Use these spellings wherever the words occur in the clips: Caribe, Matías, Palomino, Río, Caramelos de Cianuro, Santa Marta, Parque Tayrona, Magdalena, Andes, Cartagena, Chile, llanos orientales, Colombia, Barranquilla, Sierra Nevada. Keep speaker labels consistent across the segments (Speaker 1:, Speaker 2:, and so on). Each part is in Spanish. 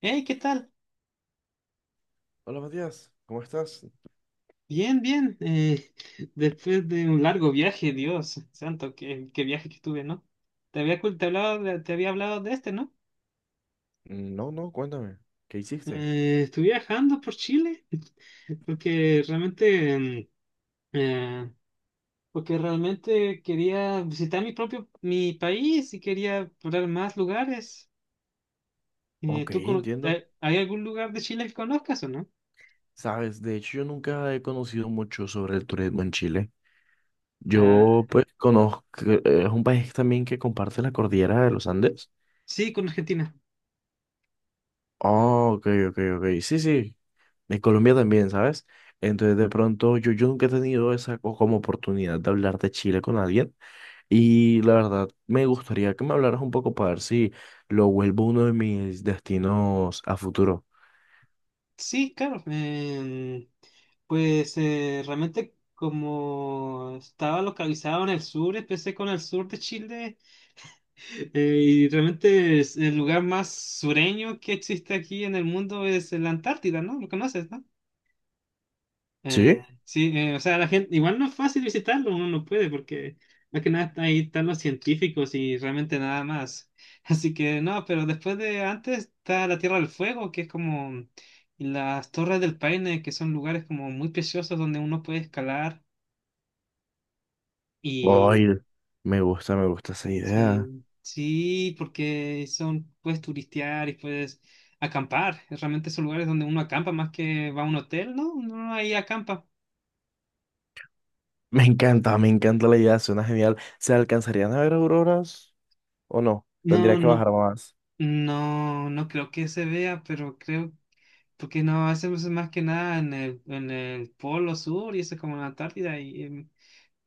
Speaker 1: Hey, ¿qué tal?
Speaker 2: Hola Matías, ¿cómo estás?
Speaker 1: Bien, bien. Después de un largo viaje, Dios santo, qué viaje que tuve, ¿no? Te había hablado de este, ¿no?
Speaker 2: Mm, No, cuéntame, ¿qué hiciste?
Speaker 1: Estuve viajando por Chile porque eh, realmente quería visitar mi propio mi país y quería explorar más lugares.
Speaker 2: Ok, entiendo.
Speaker 1: ¿Hay algún lugar de Chile que conozcas o no?
Speaker 2: Sabes, de hecho yo nunca he conocido mucho sobre el turismo en Chile.
Speaker 1: Ah,
Speaker 2: Yo pues conozco, es un país también que comparte la cordillera de los Andes.
Speaker 1: sí, con Argentina.
Speaker 2: Oh, ok, sí, sí. De Colombia también, ¿sabes? Entonces de pronto yo nunca he tenido esa como oportunidad de hablar de Chile con alguien y la verdad me gustaría que me hablaras un poco para ver si lo vuelvo uno de mis destinos a futuro.
Speaker 1: Sí, claro. Pues realmente, como estaba localizado en el sur, empecé con el sur de Chile. Y realmente, es el lugar más sureño que existe aquí en el mundo es la Antártida, ¿no? ¿Lo conoces, no?
Speaker 2: Sí,
Speaker 1: Sí, o sea, la gente, igual no es fácil visitarlo, uno no puede, porque más que nada está- ahí están los científicos y realmente nada más. Así que no, pero después de antes está la Tierra del Fuego, que es como las Torres del Paine, que son lugares como muy preciosos donde uno puede escalar y
Speaker 2: ay, me gusta esa idea.
Speaker 1: sí, sí, porque son, puedes turistear y puedes acampar. Realmente son lugares donde uno acampa más que va a un hotel, ¿no? Uno ahí acampa.
Speaker 2: Me encanta la idea, suena genial. ¿Se alcanzarían a ver auroras o no? Tendría
Speaker 1: No,
Speaker 2: que
Speaker 1: no.
Speaker 2: bajar más.
Speaker 1: No, no creo que se vea, pero creo, porque no, hacemos más que nada en el Polo Sur y eso es como en la Antártida y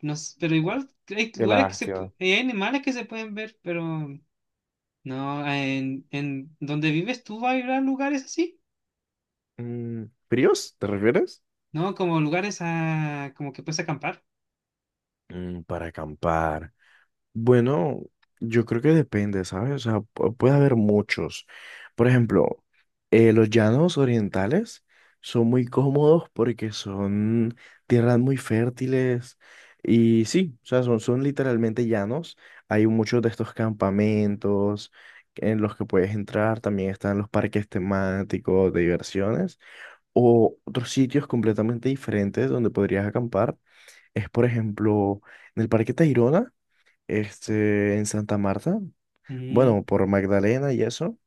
Speaker 1: no sé, pero igual hay
Speaker 2: Qué
Speaker 1: lugares
Speaker 2: lástima.
Speaker 1: hay animales que se pueden ver, pero no, en donde vives tú va a haber lugares así,
Speaker 2: Mm, ¿fríos? ¿Te refieres?
Speaker 1: ¿no? Como lugares a, como que puedes acampar.
Speaker 2: Mm, para acampar. Bueno, yo creo que depende, ¿sabes? O sea, puede haber muchos. Por ejemplo, los llanos orientales son muy cómodos porque son tierras muy fértiles y sí, o sea, son literalmente llanos. Hay muchos de estos campamentos en los que puedes entrar. También están los parques temáticos de diversiones o otros sitios completamente diferentes donde podrías acampar. Es, por ejemplo, en el Parque Tayrona este, en Santa Marta,
Speaker 1: Mm,
Speaker 2: bueno, por Magdalena y eso,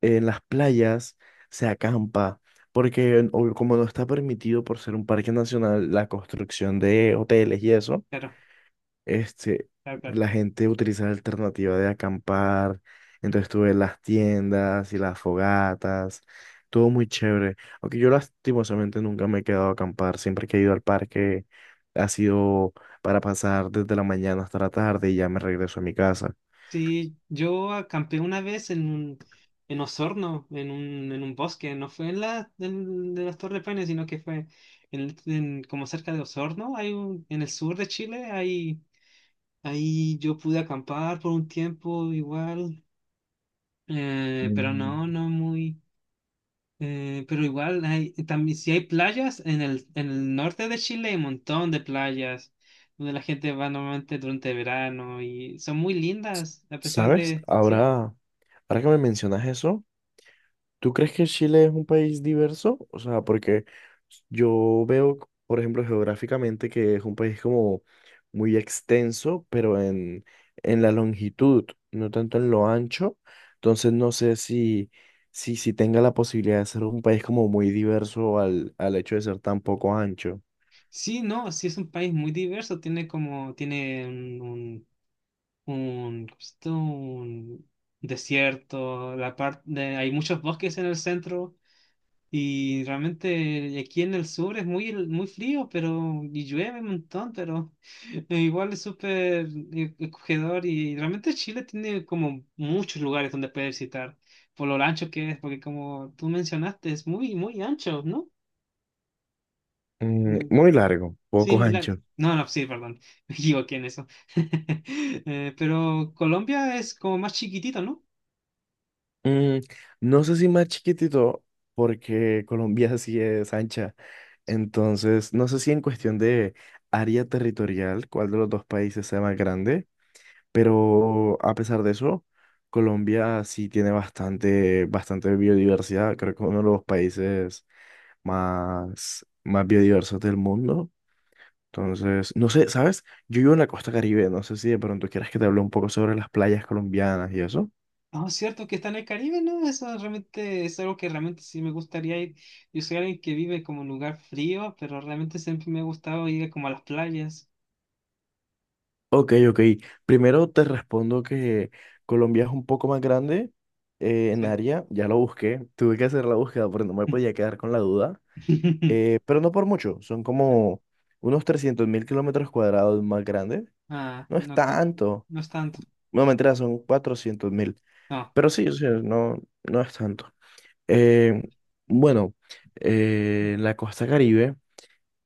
Speaker 2: en las playas se acampa, porque como no está permitido por ser un parque nacional la construcción de hoteles y eso,
Speaker 1: claro,
Speaker 2: este,
Speaker 1: claro, claro.
Speaker 2: la gente utiliza la alternativa de acampar, entonces tuve las tiendas y las fogatas, todo muy chévere, aunque yo lastimosamente nunca me he quedado a acampar, siempre que he ido al parque ha sido para pasar desde la mañana hasta la tarde y ya me regreso a mi casa.
Speaker 1: Sí, yo acampé una vez en un, en Osorno, en un bosque. No fue en de las Torres Paine, sino que fue en, como cerca de Osorno, hay un, en el sur de Chile. Ahí, ahí yo pude acampar por un tiempo igual, pero
Speaker 2: Mm,
Speaker 1: no, no muy, pero igual hay, también si hay playas, en el norte de Chile hay un montón de playas, donde la gente va normalmente durante verano y son muy lindas, a pesar
Speaker 2: ¿sabes?
Speaker 1: de, sí.
Speaker 2: Ahora, ahora que me mencionas eso, ¿tú crees que Chile es un país diverso? O sea, porque yo veo, por ejemplo, geográficamente que es un país como muy extenso, pero en la longitud, no tanto en lo ancho. Entonces no sé si tenga la posibilidad de ser un país como muy diverso al hecho de ser tan poco ancho.
Speaker 1: Sí, no, sí es un país muy diverso, tiene como, tiene un, ¿cómo se llama? Un desierto, la parte hay muchos bosques en el centro y realmente aquí en el sur es muy, muy frío, pero y llueve un montón, pero igual es súper acogedor y realmente Chile tiene como muchos lugares donde puedes visitar por lo ancho que es, porque como tú mencionaste, es muy, muy ancho, ¿no?
Speaker 2: Mm, muy largo,
Speaker 1: Sí,
Speaker 2: poco
Speaker 1: muy largo.
Speaker 2: ancho.
Speaker 1: No, no, sí, perdón. Me equivoqué en eso. Pero Colombia es como más chiquitito, ¿no?
Speaker 2: Mm, no sé si más chiquitito, porque Colombia sí es ancha. Entonces, no sé si en cuestión de área territorial, cuál de los dos países sea más grande, pero a pesar de eso, Colombia sí tiene bastante biodiversidad. Creo que uno de los países más biodiversos del mundo. Entonces, no sé, ¿sabes? Yo vivo en la costa Caribe, no sé si de pronto quieras que te hable un poco sobre las playas colombianas y eso.
Speaker 1: Ah, cierto que está en el Caribe, ¿no? Eso realmente es algo que realmente sí me gustaría ir. Yo soy alguien que vive como en un lugar frío, pero realmente siempre me ha gustado ir como a las playas.
Speaker 2: Ok, ok. Primero te respondo que Colombia es un poco más grande en
Speaker 1: Sí.
Speaker 2: área. Ya lo busqué. Tuve que hacer la búsqueda porque no me podía quedar con la duda. Pero no por mucho. Son como unos 300.000 kilómetros cuadrados más grandes.
Speaker 1: Ah,
Speaker 2: No es
Speaker 1: no tanto.
Speaker 2: tanto.
Speaker 1: No es tanto.
Speaker 2: No, mentira, son 400.000.
Speaker 1: No.
Speaker 2: Pero sí, o sea, no es tanto. Eh, bueno, la costa Caribe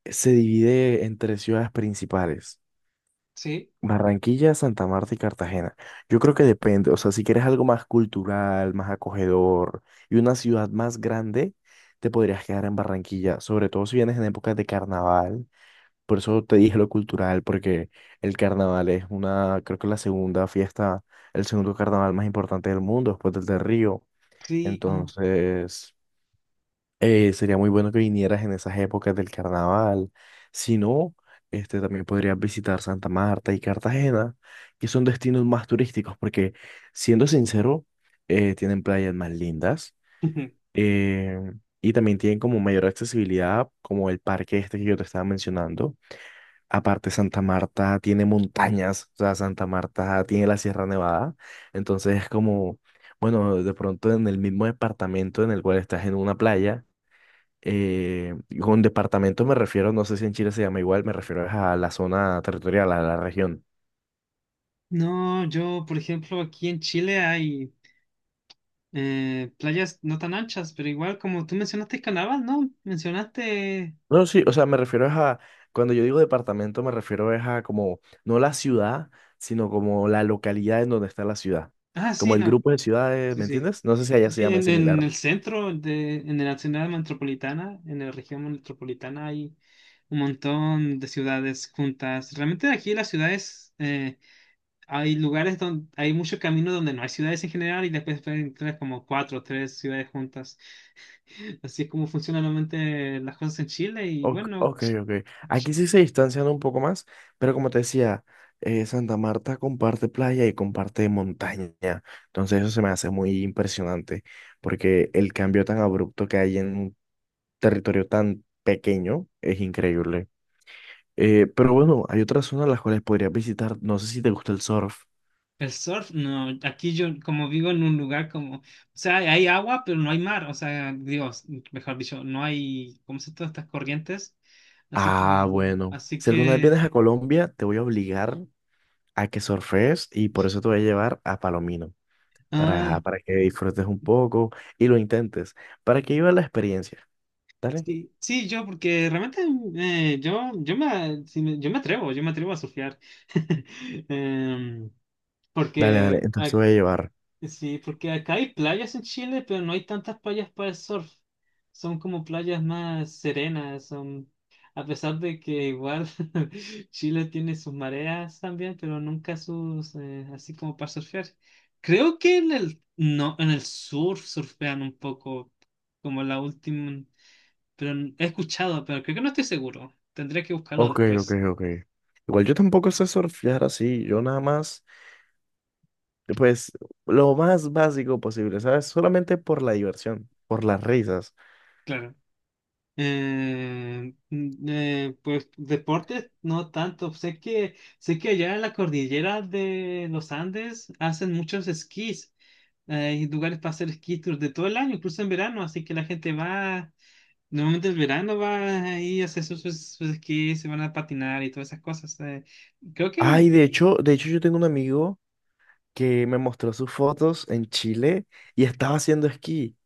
Speaker 2: se divide en tres ciudades principales.
Speaker 1: Sí,
Speaker 2: Barranquilla, Santa Marta y Cartagena. Yo creo que depende, o sea, si quieres algo más cultural, más acogedor y una ciudad más grande, te podrías quedar en Barranquilla, sobre todo si vienes en épocas de carnaval. Por eso te dije lo cultural, porque el carnaval es una, creo que la segunda fiesta, el segundo carnaval más importante del mundo, después del de Río.
Speaker 1: sí. Ah.
Speaker 2: Entonces, sería muy bueno que vinieras en esas épocas del carnaval. Si no, este, también podrías visitar Santa Marta y Cartagena, que son destinos más turísticos, porque siendo sincero, tienen playas más lindas eh, y también tienen como mayor accesibilidad, como el parque este que yo te estaba mencionando. Aparte, Santa Marta tiene montañas, o sea, Santa Marta tiene la Sierra Nevada, entonces es como, bueno, de pronto en el mismo departamento en el cual estás en una playa eh, con departamento me refiero, no sé si en Chile se llama igual, me refiero es a la zona territorial, a la región.
Speaker 1: No, yo, por ejemplo, aquí en Chile hay. Playas no tan anchas, pero igual como tú mencionaste Canavas, ¿no? Mencionaste...
Speaker 2: No, sí, o sea, me refiero es a, cuando yo digo departamento, me refiero es a como, no la ciudad, sino como la localidad en donde está la ciudad.
Speaker 1: Ah, sí,
Speaker 2: Como el
Speaker 1: no.
Speaker 2: grupo de ciudades,
Speaker 1: Sí,
Speaker 2: ¿me
Speaker 1: sí.
Speaker 2: entiendes? No sé si
Speaker 1: Sí,
Speaker 2: allá se
Speaker 1: sí,
Speaker 2: llama
Speaker 1: en
Speaker 2: similar.
Speaker 1: el centro, de, en la ciudad metropolitana, en la región metropolitana hay un montón de ciudades juntas. Realmente aquí las ciudades, hay lugares donde hay muchos caminos donde no hay ciudades en general y después pueden encontrar como cuatro o tres ciudades juntas. Así es como funcionan normalmente las cosas en Chile y
Speaker 2: Ok,
Speaker 1: bueno,
Speaker 2: ok. ok. Aquí sí se distancian un poco más, pero como te decía, Santa Marta comparte playa y comparte montaña. Entonces eso se me hace muy impresionante, porque el cambio tan abrupto que hay en un territorio tan pequeño es increíble. Pero bueno, hay otras zonas las cuales podrías visitar. No sé si te gusta el surf.
Speaker 1: El surf, no, aquí yo como vivo en un lugar como, o sea, hay agua, pero no hay mar, o sea, digo, mejor dicho, no hay, ¿cómo se todas estas corrientes? Así que,
Speaker 2: Ah, bueno.
Speaker 1: así
Speaker 2: Si alguna vez
Speaker 1: que,
Speaker 2: vienes a Colombia, te voy a obligar a que surfees y por eso te voy a llevar a Palomino. Para,
Speaker 1: ah,
Speaker 2: ajá, para que disfrutes un poco y lo intentes, para que vivas la experiencia. Dale,
Speaker 1: sí, sí, yo, porque realmente yo me atrevo a surfear. Em,
Speaker 2: dale,
Speaker 1: porque
Speaker 2: entonces te voy a llevar.
Speaker 1: Sí, porque acá hay playas en Chile, pero no hay tantas playas para el surf. Son como playas más serenas, son... A pesar de que igual Chile tiene sus mareas también, pero nunca sus... así como para surfear. Creo que en el... No, en el sur surfean un poco, como la última... He escuchado, pero creo que no estoy seguro. Tendría que buscarlo después,
Speaker 2: Ok. Igual yo tampoco sé surfear así, yo nada más, pues, lo más básico posible, ¿sabes? Solamente por la diversión, por las risas.
Speaker 1: claro. Pues deportes no tanto. Sé que allá en la cordillera de los Andes hacen muchos esquís. Hay lugares para hacer esquí tours de todo el año, incluso en verano, así que la gente va, normalmente el verano va ahí a hacer sus esquís, se van a patinar y todas esas cosas. Creo que
Speaker 2: Ay, de hecho yo tengo un amigo que me mostró sus fotos en Chile y estaba haciendo esquí.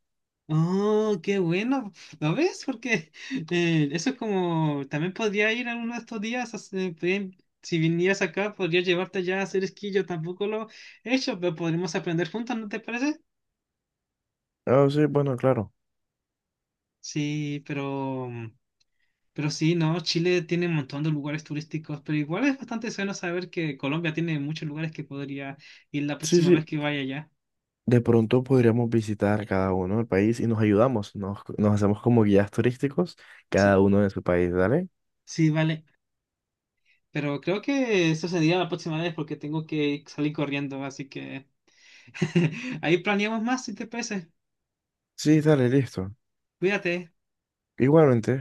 Speaker 1: oh, qué bueno. ¿Lo ves? Porque eso es como, también podría ir a uno de estos días, a ven, si vinieras acá, podría llevarte ya a hacer esquí. Yo tampoco lo he hecho, pero podríamos aprender juntos, ¿no te parece?
Speaker 2: Ah, sí, bueno, claro.
Speaker 1: Sí, pero sí, no, Chile tiene un montón de lugares turísticos, pero igual es bastante bueno saber que Colombia tiene muchos lugares que podría ir la
Speaker 2: Sí,
Speaker 1: próxima vez
Speaker 2: sí,
Speaker 1: que vaya allá.
Speaker 2: de pronto podríamos visitar cada uno el país y nos ayudamos, nos hacemos como guías turísticos,
Speaker 1: Sí,
Speaker 2: cada uno de su país, ¿dale?
Speaker 1: sí, vale. Pero creo que eso sería la próxima vez porque tengo que salir corriendo, así que... Ahí planeamos más si te parece.
Speaker 2: Sí, dale, listo.
Speaker 1: Cuídate.
Speaker 2: Igualmente.